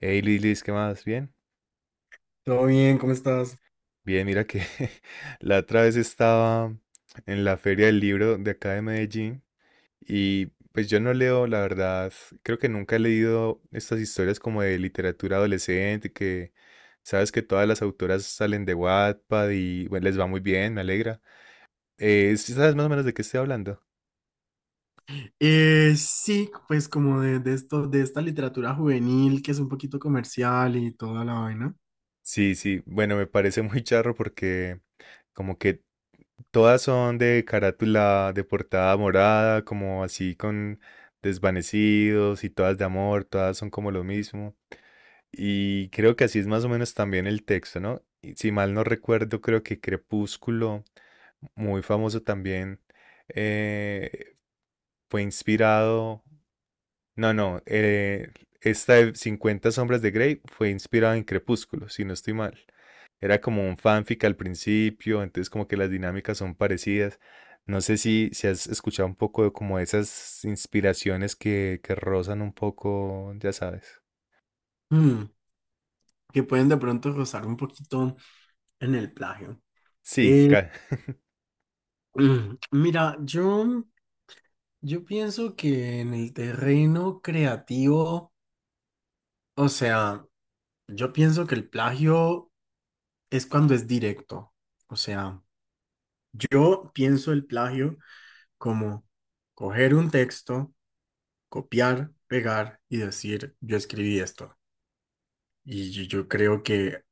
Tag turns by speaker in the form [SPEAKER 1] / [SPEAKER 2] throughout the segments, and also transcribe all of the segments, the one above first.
[SPEAKER 1] Hey Lilis, ¿qué más? ¿Bien?
[SPEAKER 2] Todo bien, ¿cómo estás?
[SPEAKER 1] Bien, mira que la otra vez estaba en la feria del libro de acá de Medellín y pues yo no leo, la verdad, creo que nunca he leído estas historias como de literatura adolescente, que sabes que todas las autoras salen de Wattpad y bueno, les va muy bien, me alegra. ¿Sí ¿sabes más o menos de qué estoy hablando?
[SPEAKER 2] Sí, pues como de esto, de esta literatura juvenil que es un poquito comercial y toda la vaina.
[SPEAKER 1] Sí, sí, bueno, me parece muy charro porque como que todas son de carátula de portada morada, como así con desvanecidos y todas de amor, todas son como lo mismo. Y creo que así es más o menos también el texto, ¿no? Y si mal no recuerdo, creo que Crepúsculo, muy famoso también, eh, fue inspirado, no, no, esta de 50 sombras de Grey fue inspirada en Crepúsculo, si no estoy mal. Era como un fanfic al principio, entonces como que las dinámicas son parecidas. No sé si has escuchado un poco de como esas inspiraciones que rozan un poco, ya sabes.
[SPEAKER 2] mm, que pueden de pronto rozar un poquito en el plagio.
[SPEAKER 1] Sí,
[SPEAKER 2] Eh, mira, yo pienso que en el terreno creativo, o sea, yo pienso que el plagio es cuando es directo. O sea, yo pienso el plagio como coger un texto, copiar, pegar y decir, yo escribí esto. Yo creo que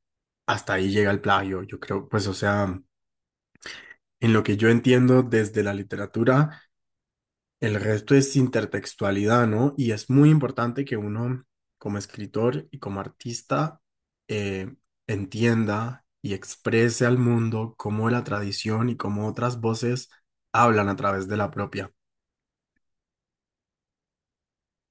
[SPEAKER 2] hasta ahí llega el plagio. Yo creo, pues, o sea, en lo que yo entiendo desde la literatura, el resto es intertextualidad, ¿no? Y es muy importante que uno, como escritor y como artista, eh, entienda y exprese al mundo cómo la tradición y cómo otras voces hablan a través de la propia.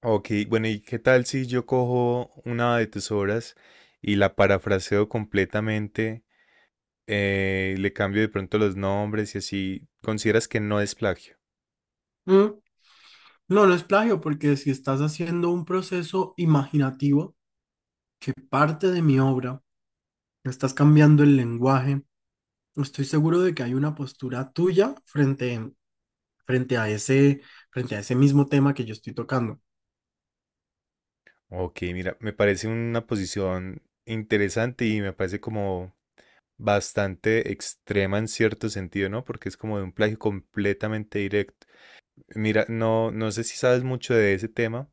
[SPEAKER 1] ok, bueno, ¿y qué tal si yo cojo una de tus obras y la parafraseo completamente, le cambio de pronto los nombres y así consideras que no es plagio?
[SPEAKER 2] Mm, No, no es plagio, porque si estás haciendo un proceso imaginativo, parte de mi obra, estás cambiando el lenguaje, estoy seguro de que hay una postura tuya frente a frente a ese mismo tema que yo estoy tocando.
[SPEAKER 1] Ok, mira, me parece una posición interesante y me parece como bastante extrema en cierto sentido, ¿no? Porque es como de un plagio completamente directo. Mira, no, no sé si sabes mucho de ese tema,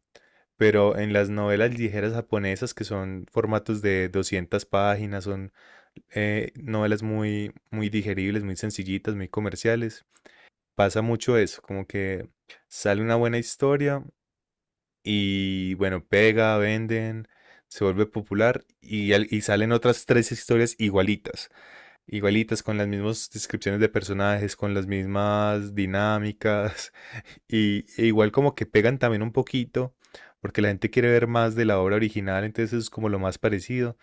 [SPEAKER 1] pero en las novelas ligeras japonesas, que son formatos de 200 páginas, son novelas muy, muy digeribles, muy sencillitas, muy comerciales, pasa mucho eso, como que sale una buena historia y bueno, pega, venden. Se vuelve popular y y salen otras tres historias igualitas igualitas, con las mismas descripciones de personajes, con las mismas dinámicas, y e igual como que pegan también un poquito, porque la gente quiere ver más de la obra original, entonces es como lo más parecido,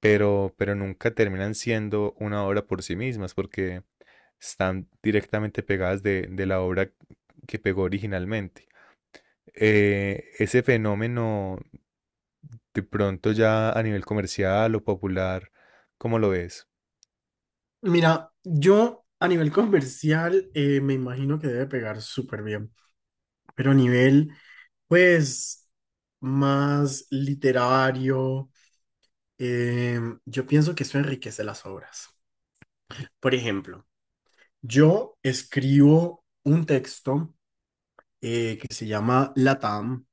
[SPEAKER 1] pero nunca terminan siendo una obra por sí mismas, porque están directamente pegadas de la obra que pegó originalmente. Ese fenómeno de pronto ya a nivel comercial o popular, ¿cómo lo ves?
[SPEAKER 2] Mira, yo a nivel comercial, me imagino que debe pegar súper bien, pero a nivel, pues, más literario, yo pienso que eso enriquece las obras. Por ejemplo, yo escribo un texto, que se llama LATAM.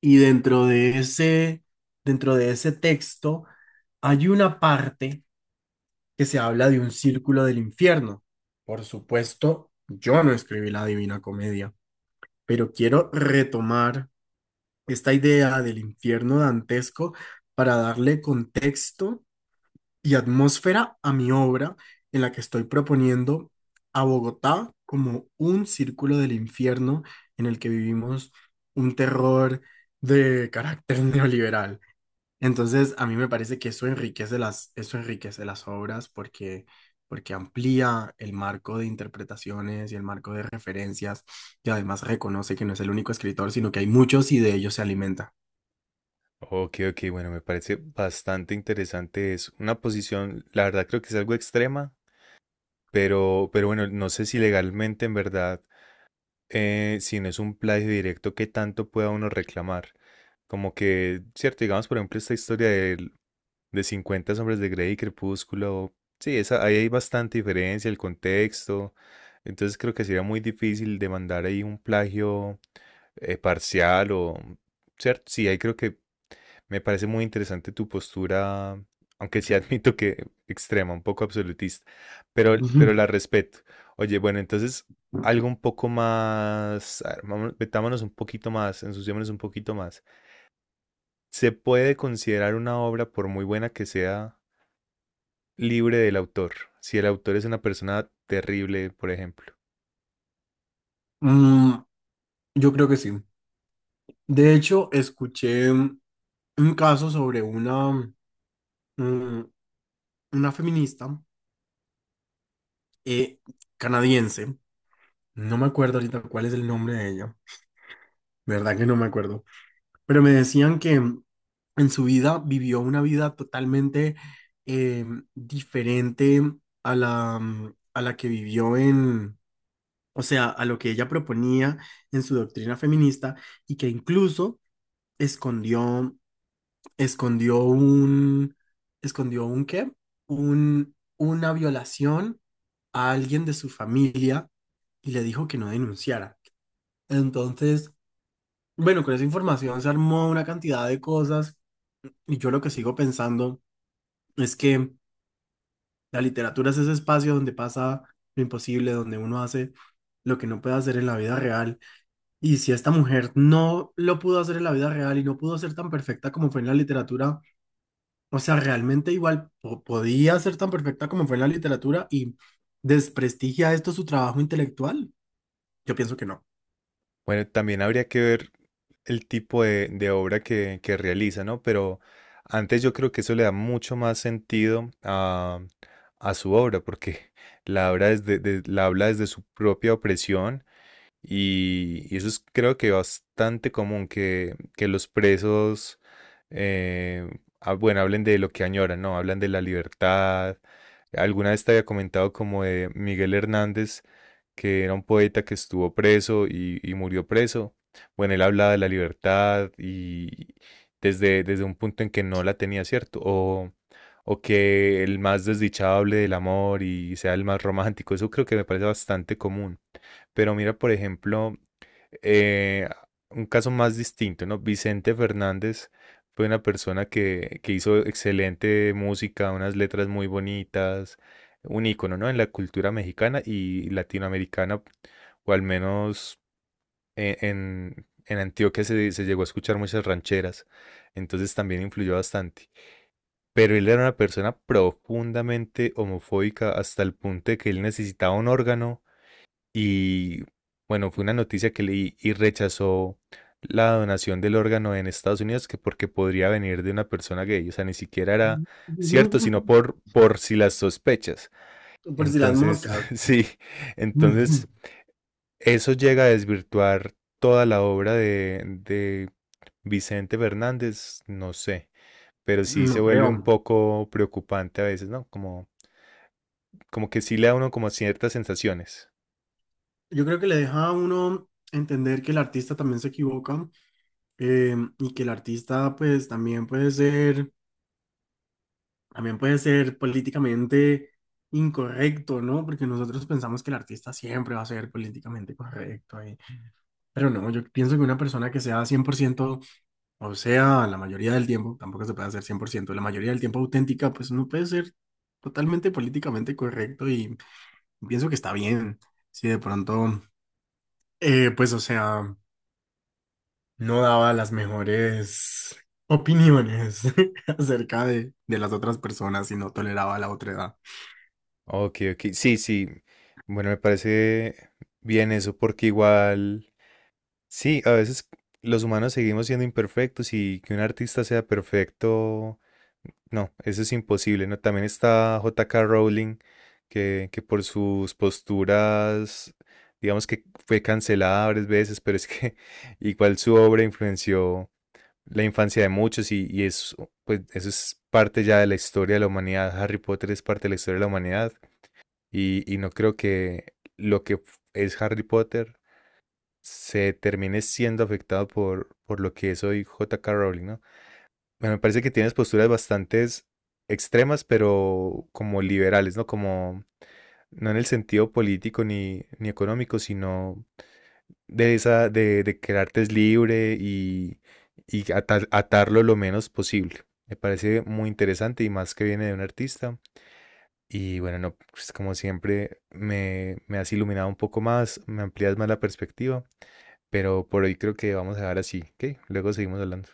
[SPEAKER 2] Y dentro de ese, Dentro de ese texto hay una parte que se habla de un círculo del infierno. Por supuesto, yo no escribí la Divina Comedia, pero quiero retomar esta idea del infierno dantesco para darle contexto y atmósfera a mi obra en la que estoy proponiendo a Bogotá como un círculo del infierno en el que vivimos un terror de carácter neoliberal. Entonces, a mí me parece que eso enriquece las obras porque, porque amplía el marco de interpretaciones y el marco de referencias y además reconoce que no es el único escritor, sino que hay muchos y de ellos se alimenta.
[SPEAKER 1] Ok, ok, bueno, me parece bastante interesante. Es una posición, la verdad creo que es algo extrema, pero bueno, no sé si legalmente en verdad, si no es un plagio directo, qué tanto pueda uno reclamar. Como que, cierto, digamos, por ejemplo, esta historia de, 50 hombres de Grey y Crepúsculo, sí, esa, ahí hay bastante diferencia, el contexto. Entonces creo que sería muy difícil demandar ahí un plagio parcial o, cierto, sí, ahí creo que me parece muy interesante tu postura, aunque sí admito que extrema, un poco absolutista, pero
[SPEAKER 2] Ujú.
[SPEAKER 1] la respeto. Oye, bueno, entonces algo un poco más, a ver, metámonos un poquito más, ensuciémonos un poquito más. ¿Se puede considerar una obra, por muy buena que sea, libre del autor? Si el autor es una persona terrible, por ejemplo.
[SPEAKER 2] Mm, yo creo que sí. De hecho, escuché, un caso sobre mm, una feminista, eh, canadiense. No me acuerdo ahorita cuál es el nombre de ella. ¿Verdad que no me acuerdo? Pero me decían que en su vida vivió una vida totalmente eh, diferente a a la que vivió en, o sea, a lo que ella proponía en su doctrina feminista y que incluso escondió, escondió un, escondió un qué, un, una violación a alguien de su familia y le dijo que no denunciara. Entonces, bueno, con esa información se armó una cantidad de cosas y yo lo que sigo pensando es que la literatura es ese espacio donde pasa lo imposible, donde uno hace lo que no puede hacer en la vida real. Y si esta mujer no lo pudo hacer en la vida real y no pudo ser tan perfecta como fue en la literatura, o sea, realmente igual podía ser tan perfecta como fue en la literatura y desprestigia esto su trabajo intelectual. Yo pienso que no.
[SPEAKER 1] Bueno, también habría que ver el tipo de obra que realiza, ¿no? Pero antes yo creo que eso le da mucho más sentido a su obra, porque la obra la habla desde su propia opresión y eso es creo que bastante común que los presos, eh, bueno, hablen de lo que añoran, ¿no? Hablan de la libertad. Alguna vez te había comentado como de Miguel Hernández, que era un poeta que estuvo preso y murió preso. Bueno, él hablaba de la libertad y desde un punto en que no la tenía, ¿cierto? O que el más desdichado hable del amor y sea el más romántico. Eso creo que me parece bastante común. Pero mira, por ejemplo, eh, un caso más distinto, ¿no? Vicente Fernández fue una persona que hizo excelente música, unas letras muy bonitas, un ícono, ¿no? En la cultura mexicana y latinoamericana, o al menos en Antioquia se, se llegó a escuchar muchas rancheras, entonces también influyó bastante. Pero él era una persona profundamente homofóbica hasta el punto de que él necesitaba un órgano y bueno, fue una noticia que leí y rechazó la donación del órgano en Estados Unidos que porque podría venir de una persona gay. O sea, ni siquiera era cierto, sino por si las sospechas.
[SPEAKER 2] Por si las
[SPEAKER 1] Entonces,
[SPEAKER 2] moscas.
[SPEAKER 1] sí, entonces eso llega a desvirtuar toda la obra de Vicente Fernández, no sé, pero sí se
[SPEAKER 2] No
[SPEAKER 1] vuelve un
[SPEAKER 2] creo.
[SPEAKER 1] poco preocupante a veces, ¿no? Como, como que sí le da a uno como ciertas sensaciones.
[SPEAKER 2] Yo creo que le deja a uno entender que el artista también se equivoca, y que el artista pues también puede ser políticamente incorrecto, ¿no? Porque nosotros pensamos que el artista siempre va a ser políticamente correcto, y pero no, yo pienso que una persona que sea cien por ciento, o sea, la mayoría del tiempo, tampoco se puede hacer 100% la mayoría del tiempo auténtica, pues no puede ser totalmente políticamente correcto y pienso que está bien, si de pronto... Pues, o sea, no daba las mejores opiniones acerca de las otras personas y no toleraba la otra edad.
[SPEAKER 1] Ok, ok. Sí, sí. Bueno, me parece bien eso porque igual, sí, a veces los humanos seguimos siendo imperfectos y que un artista sea perfecto, no, eso es imposible, ¿no? También está J.K. Rowling, que por sus posturas, digamos que fue cancelada varias veces, pero es que igual su obra influenció la infancia de muchos y eso, pues, eso es parte ya de la historia de la humanidad. Harry Potter es parte de la historia de la humanidad. Y no creo que lo que es Harry Potter se termine siendo afectado por lo que es hoy J.K. Rowling, ¿no? Bueno, me parece que tienes posturas bastante extremas, pero como liberales, ¿no? Como no en el sentido político ni, ni económico, sino de esa, de que el arte es libre y atarlo lo menos posible. Me parece muy interesante y más que viene de un artista y bueno, no, pues como siempre, me has iluminado un poco más, me amplías más la perspectiva, pero por hoy creo que vamos a dejar así, ¿ok? Luego seguimos hablando.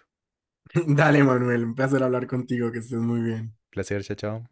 [SPEAKER 2] Dale, Manuel, un placer hablar contigo, que estés muy bien.
[SPEAKER 1] Placer, chao, chao.